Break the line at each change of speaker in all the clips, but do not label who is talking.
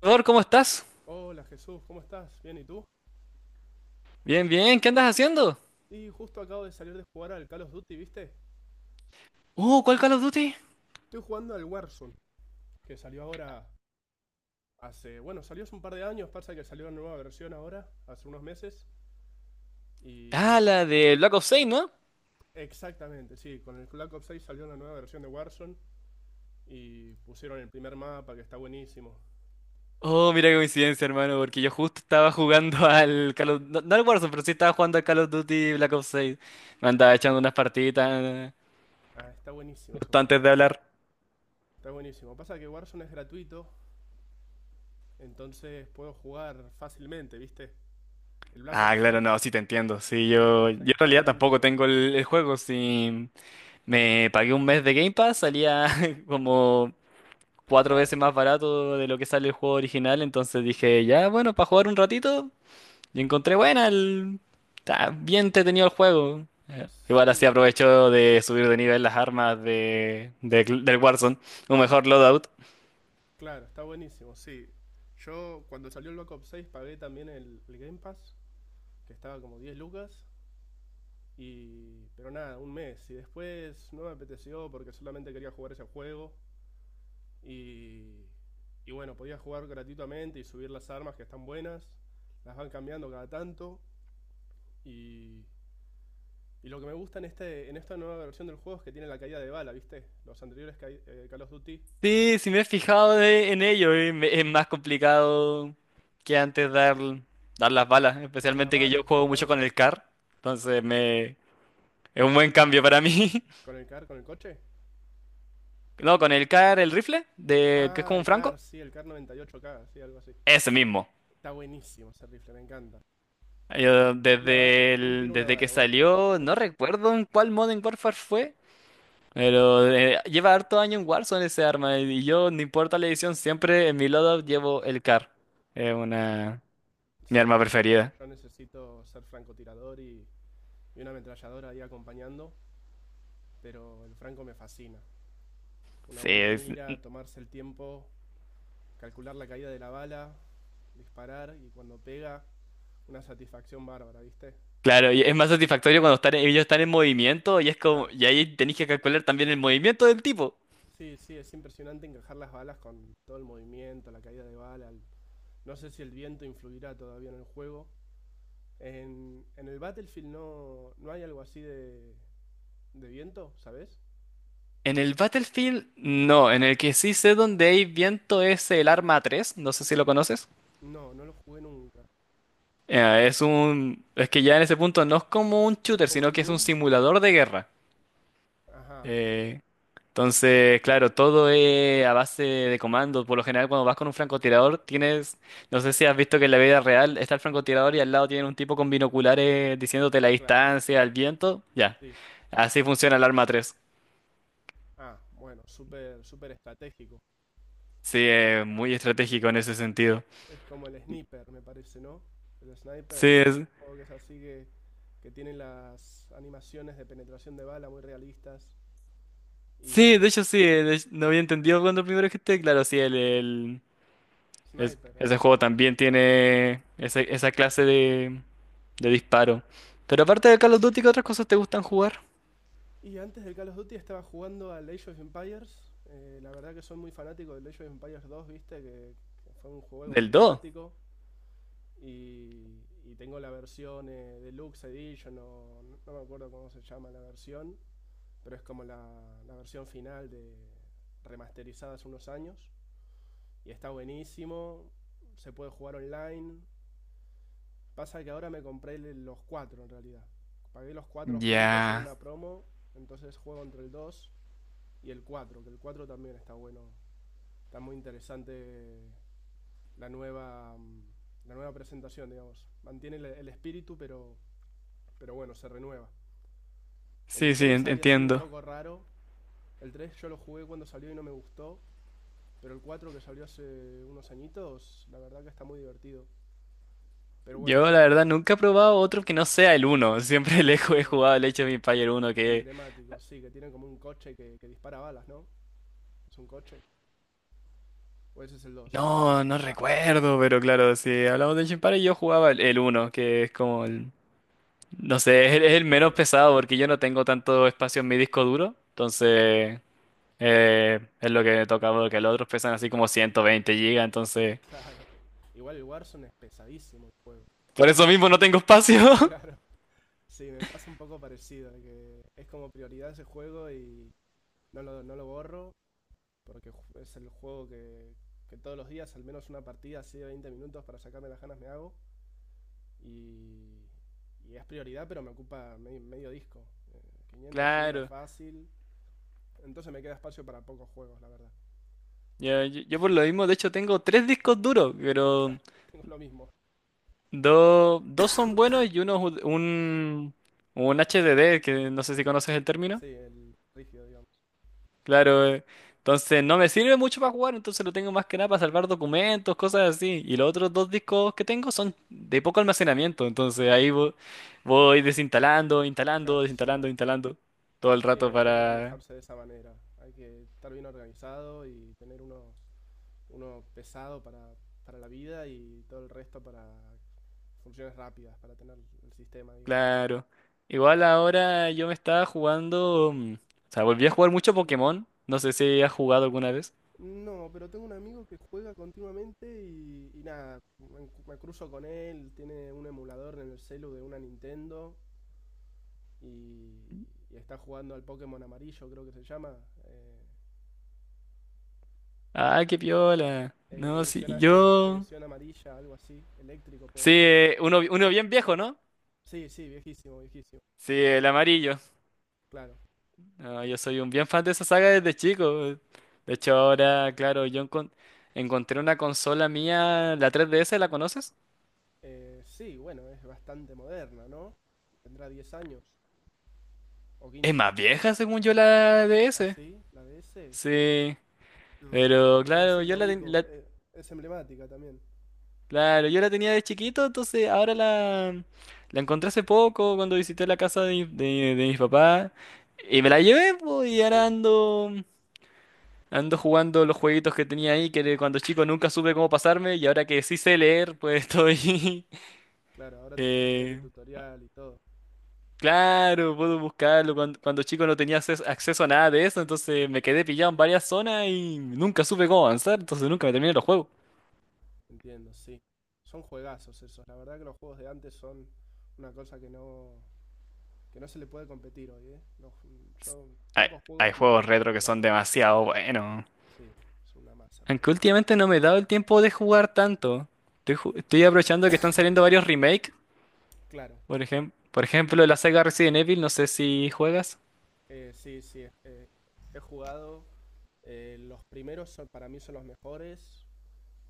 Salvador, ¿cómo estás?
Hola Jesús, ¿cómo estás? Bien, ¿y tú?
Bien, bien, ¿qué andas haciendo?
Y justo acabo de salir de jugar al Call of Duty, ¿viste?
¿Cuál Call of Duty?
Estoy jugando al Warzone, que salió ahora hace, bueno, salió hace un par de años. Pasa que salió una nueva versión ahora, hace unos meses. Y
Ah, la de Black Ops 6, ¿no?
exactamente, sí, con el Black Ops 6 salió una nueva versión de Warzone y pusieron el primer mapa que está buenísimo.
Oh, mira qué coincidencia, hermano, porque yo justo estaba jugando al Call of... No, no al Warzone, pero sí estaba jugando al Call of Duty Black Ops 6. Me andaba echando unas partiditas
Ah, está buenísimo ese
justo
juego.
antes de hablar.
Está buenísimo. Pasa que Warzone es gratuito, entonces puedo jugar fácilmente, ¿viste? El Black
Ah,
Ops
claro,
6,
no, sí te entiendo. Sí,
el Black
yo,
Ops
yo
6
en
cada
realidad tampoco
tanto,
tengo el juego. Si me pagué un mes de Game Pass, salía como cuatro
claro.
veces más barato de lo que sale el juego original. Entonces dije, ya, bueno, para jugar un ratito. Y encontré buena Está bien entretenido el juego. Igual así
Sí,
aprovecho de subir de nivel las armas del Warzone. Un mejor loadout.
claro, está buenísimo, sí. Yo cuando salió el Black Ops 6 pagué también el Game Pass, que estaba como 10 lucas, y pero nada, un mes. Y después no me apeteció porque solamente quería jugar ese juego. Y, y bueno, podía jugar gratuitamente y subir las armas que están buenas, las van cambiando cada tanto. Y, y lo que me gusta en esta nueva versión del juego es que tiene la caída de bala, ¿viste? Los anteriores Call of Duty,
Sí, sí me he fijado en ello. Es más complicado que antes dar las balas.
dar las
Especialmente que yo
balas,
juego mucho con
exactamente.
el CAR. Entonces me, es un buen cambio para mí.
Con el car, con el coche.
No, con el CAR, el rifle, de, que es
Ah,
como un
el CAR,
franco.
sí, el CAR 98K, sí, algo así.
Ese mismo.
Está buenísimo ese rifle, me encanta.
Yo
Una ba-
desde,
un tiro, una
desde que
bala, una cosa así como
salió,
es.
no recuerdo en cuál Modern Warfare fue. Pero lleva harto año en Warzone ese arma y yo, no importa la edición, siempre en mi loadout llevo el CAR. Es una... Mi
Sí,
arma
sí.
preferida.
Yo necesito ser francotirador y una ametralladora ahí acompañando, pero el franco me fascina. Una
Sí,
buena mira, tomarse el tiempo, calcular la caída de la bala, disparar y cuando pega, una satisfacción bárbara, ¿viste?
claro, y es más satisfactorio cuando están, ellos están en movimiento y es como...
Claro.
Y ahí tenéis que calcular también el movimiento del tipo.
Sí, sí, es impresionante encajar las balas con todo el movimiento, la caída de bala. No sé si el viento influirá todavía en el juego. En el Battlefield no, no hay algo así de viento, ¿sabes?
En el Battlefield, no. En el que sí sé dónde hay viento es el arma tres, no sé si lo conoces.
No, no lo jugué nunca.
Es que ya en ese punto no es como un
Es
shooter,
como un
sino que es un
Doom.
simulador de guerra.
Ajá,
Eh, entonces, claro, todo es a base de comandos. Por lo general, cuando vas con un francotirador, tienes, no sé si has visto que en la vida real está el francotirador y al lado tiene un tipo con binoculares diciéndote la
claro,
distancia, el viento. Ya,
sí.
así funciona el arma tres.
Ah, bueno, súper, súper estratégico.
Sí, es muy estratégico en ese sentido.
Es como el Sniper, me parece, ¿no? El
Sí,
Sniper. Hay un juego que es así que tiene las animaciones de penetración de bala muy realistas. Y
sí, de hecho, no había entendido cuando primero esté. Claro, sí,
Sniper,
ese
algo así
juego
se llama.
también tiene esa clase de disparo. Pero aparte de Call of Duty, ¿qué otras cosas te gustan jugar?
Y antes del Call of Duty estaba jugando al Age of Empires. La verdad que soy muy fanático del Age of Empires 2, viste, que fue un juego
Del do.
emblemático. Y tengo la versión Deluxe Edition, o no, no me acuerdo cómo se llama la versión, pero es como la versión final de remasterizada hace unos años. Y está buenísimo, se puede jugar online. Pasa que ahora me compré los cuatro en realidad. Pagué los cuatro juntos en
Ya.
una promo, entonces juego entre el dos y el cuatro, que el 4 también está bueno. Está muy interesante la nueva, mm, la nueva presentación, digamos. Mantiene el espíritu, pero bueno, se renueva. El
Sí, sí,
3 había sido un
entiendo.
poco raro. El tres yo lo jugué cuando salió y no me gustó. Pero el 4 que salió hace unos añitos, la verdad que está muy divertido. Pero bueno,
Yo
yo
la verdad nunca he probado otro que no sea el uno. Siempre
el
he
uno
jugado el Age of Empires uno que
emblemático, sí, que tiene como un coche que dispara balas, ¿no? Es un coche. O ese es el dos. No.
no, no
Ah,
recuerdo, pero claro, si hablamos de Age of Empires yo jugaba el uno que es como el no sé, es es
sí, el
el menos
primero.
pesado porque yo no tengo tanto espacio en mi disco duro, entonces es lo que me toca porque los otros pesan así como 120 gigas, entonces
Claro. Igual el Warzone es pesadísimo el juego.
por eso mismo no tengo espacio.
Claro, sí, me pasa un poco parecido, que es como prioridad ese juego y no lo borro, porque es el juego que todos los días, al menos una partida así de 20 minutos para sacarme las ganas me hago, y, y es prioridad, pero me ocupa medio disco, 500 gigas
Claro.
fácil, entonces me queda espacio para pocos juegos, la verdad.
Yo por
Sí,
lo mismo, de hecho, tengo tres discos duros, pero
claro, tengo lo mismo,
dos son buenos y uno es un HDD, que no sé si conoces el término.
sí, el rígido, digamos.
Claro, entonces no me sirve mucho para jugar, entonces lo tengo más que nada para salvar documentos, cosas así. Y los otros dos discos que tengo son de poco almacenamiento, entonces ahí voy
Claro, sí,
desinstalando, instalando todo el
sí,
rato
hay que
para...
manejarse de esa manera, hay que estar bien organizado y tener uno pesado para la vida y todo el resto para funciones rápidas, para tener el sistema, digamos.
Claro. Igual ahora yo me estaba jugando. O sea, volví a jugar mucho Pokémon. No sé si has jugado alguna vez.
No, pero tengo un amigo que juega continuamente y nada, me cruzo con él, tiene un emulador en el celu de una Nintendo y, y está jugando al Pokémon amarillo, creo que se llama. eh,
Ah, qué piola.
eh,
No, sí,
edición, a- edi-
yo.
edición amarilla, algo así, eléctrico puede
Sí,
ser.
uno, uno bien viejo, ¿no?
Sí, sí, viejísimo, viejísimo,
Sí, el amarillo.
claro.
No, yo soy un bien fan de esa saga desde chico. De hecho, ahora, claro, encontré una consola mía, la 3DS, ¿la conoces?
Sí, bueno, es bastante moderna, ¿no? Tendrá 10 años, o
Es
15.
más vieja, según yo, la
¿Ah,
DS.
sí? ¿La de ese?
Sí,
No, bueno.
pero
Pero
claro,
sí,
yo
la
la, ten-
ubico.
la-
Es emblemática también.
claro, yo la tenía de chiquito, entonces ahora la encontré hace poco cuando visité la casa de, de mis papás y me la llevé, po,
Y
y ahora
sí,
ando, ando jugando los jueguitos que tenía ahí que de cuando chico nunca supe cómo pasarme y ahora que sí sé leer, pues estoy...
claro, ahora te podés leer el
eh,
tutorial y todo.
claro, puedo buscarlo. Cuando chico no tenía acceso a nada de eso, entonces me quedé pillado en varias zonas y nunca supe cómo avanzar, entonces nunca me terminé los juegos.
Entiendo, sí. Son juegazos esos. La verdad que los juegos de antes son una cosa que no se le puede competir hoy, ¿eh? Yo,
Hay,
Pocos
hay
juegos me
juegos retro que
superan.
son demasiado buenos.
Sí, es una masa todos
Aunque
los juegos.
últimamente no me he dado el tiempo de jugar tanto. Estoy aprovechando que están saliendo varios remakes.
Claro,
Por ejemplo, la saga Resident Evil, no sé si juegas.
sí, sí. He jugado. Los primeros para mí son los mejores.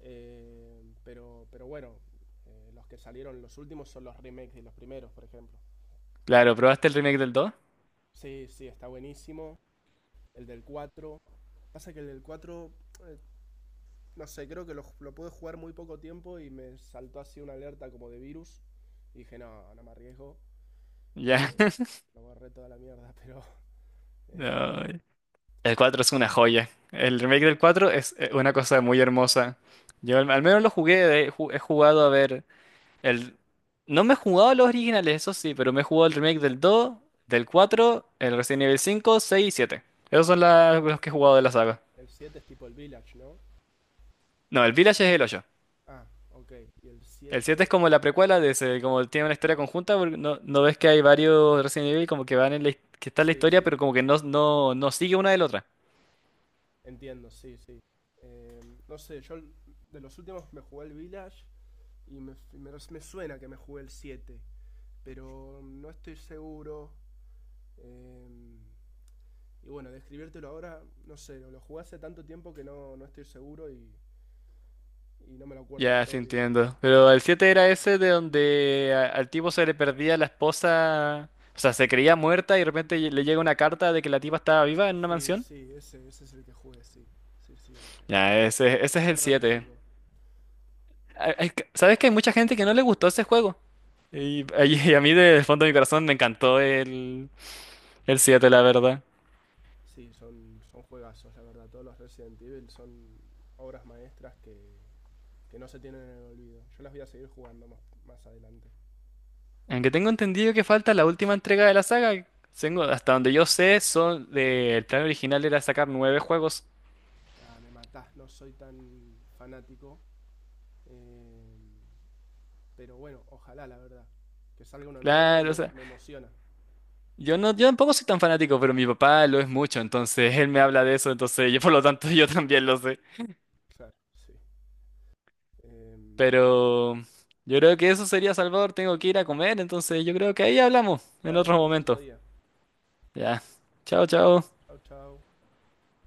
Pero bueno, los que salieron los últimos son los remakes de los primeros, por ejemplo.
Claro, ¿probaste el remake del 2?
Sí, sí, está buenísimo. El del 4 Pasa que el del cuatro, eh, no sé, creo que lo pude jugar muy poco tiempo y me saltó así una alerta como de virus. Y dije, no, no me arriesgo.
Ya.
eh, lo borré toda la mierda. Pero eh,
No, el 4 es una joya. El remake del cuatro es una cosa muy hermosa. Al menos lo jugué, he jugado a ver el... No me he jugado a los originales, eso sí, pero me he jugado el remake del 2, del 4, el Resident Evil 5, 6 y 7. Esos son los que he jugado de la saga.
el 7 es tipo el Village, ¿no?
No, el Village es el 8.
Ah, ok. Y el
El 7 es
siete,
como la precuela de ese, como tiene una historia conjunta, porque no, no ves que hay varios Resident Evil como que van en la, que está en la
sí,
historia,
sí,
pero como que no, no, no sigue una de la otra.
entiendo, sí, sí. Eh, no sé, yo de los últimos me jugué el Village y me suena que me jugué el 7 pero no estoy seguro. Eh, y bueno, describírtelo ahora, no sé, lo jugué hace tanto tiempo que no estoy seguro y no me lo acuerdo del
Ya, sí
todo bien.
entiendo. Pero el 7 era ese de donde al tipo se le perdía la esposa, o sea, se creía muerta y de repente le llega una carta de que la tipa estaba viva en una
Sí,
mansión.
sí, ese es el que jugué, sí. Sí, sí,
Ya,
es
ese es el 7.
terrorífico.
¿Sabes que hay mucha gente que no le gustó ese juego? Y, y a mí del fondo de mi corazón me encantó el 7, la verdad.
Sí, son juegazos, la verdad. Todos los Resident Evil son obras maestras que no se tienen en el olvido. Yo las voy a seguir jugando más adelante.
Aunque tengo entendido que falta la última entrega de la saga. Tengo, hasta donde yo sé, son el plan original era sacar nueve juegos.
Ah, me matás, no soy tan fanático, Eh, pero bueno, ojalá, la verdad. Que salga uno nuevo
Claro, o
me,
sea,
me emociona.
yo no, yo tampoco soy tan fanático, pero mi papá lo es mucho, entonces él me habla de eso, entonces yo por lo tanto yo también lo sé.
Claro, sí. Eh,
Pero yo creo que eso sería, Salvador, tengo que ir a comer, entonces yo creo que ahí hablamos en
dale,
otro
hablemos otro
momento.
día.
Ya. Chao, chao.
Chao, chao.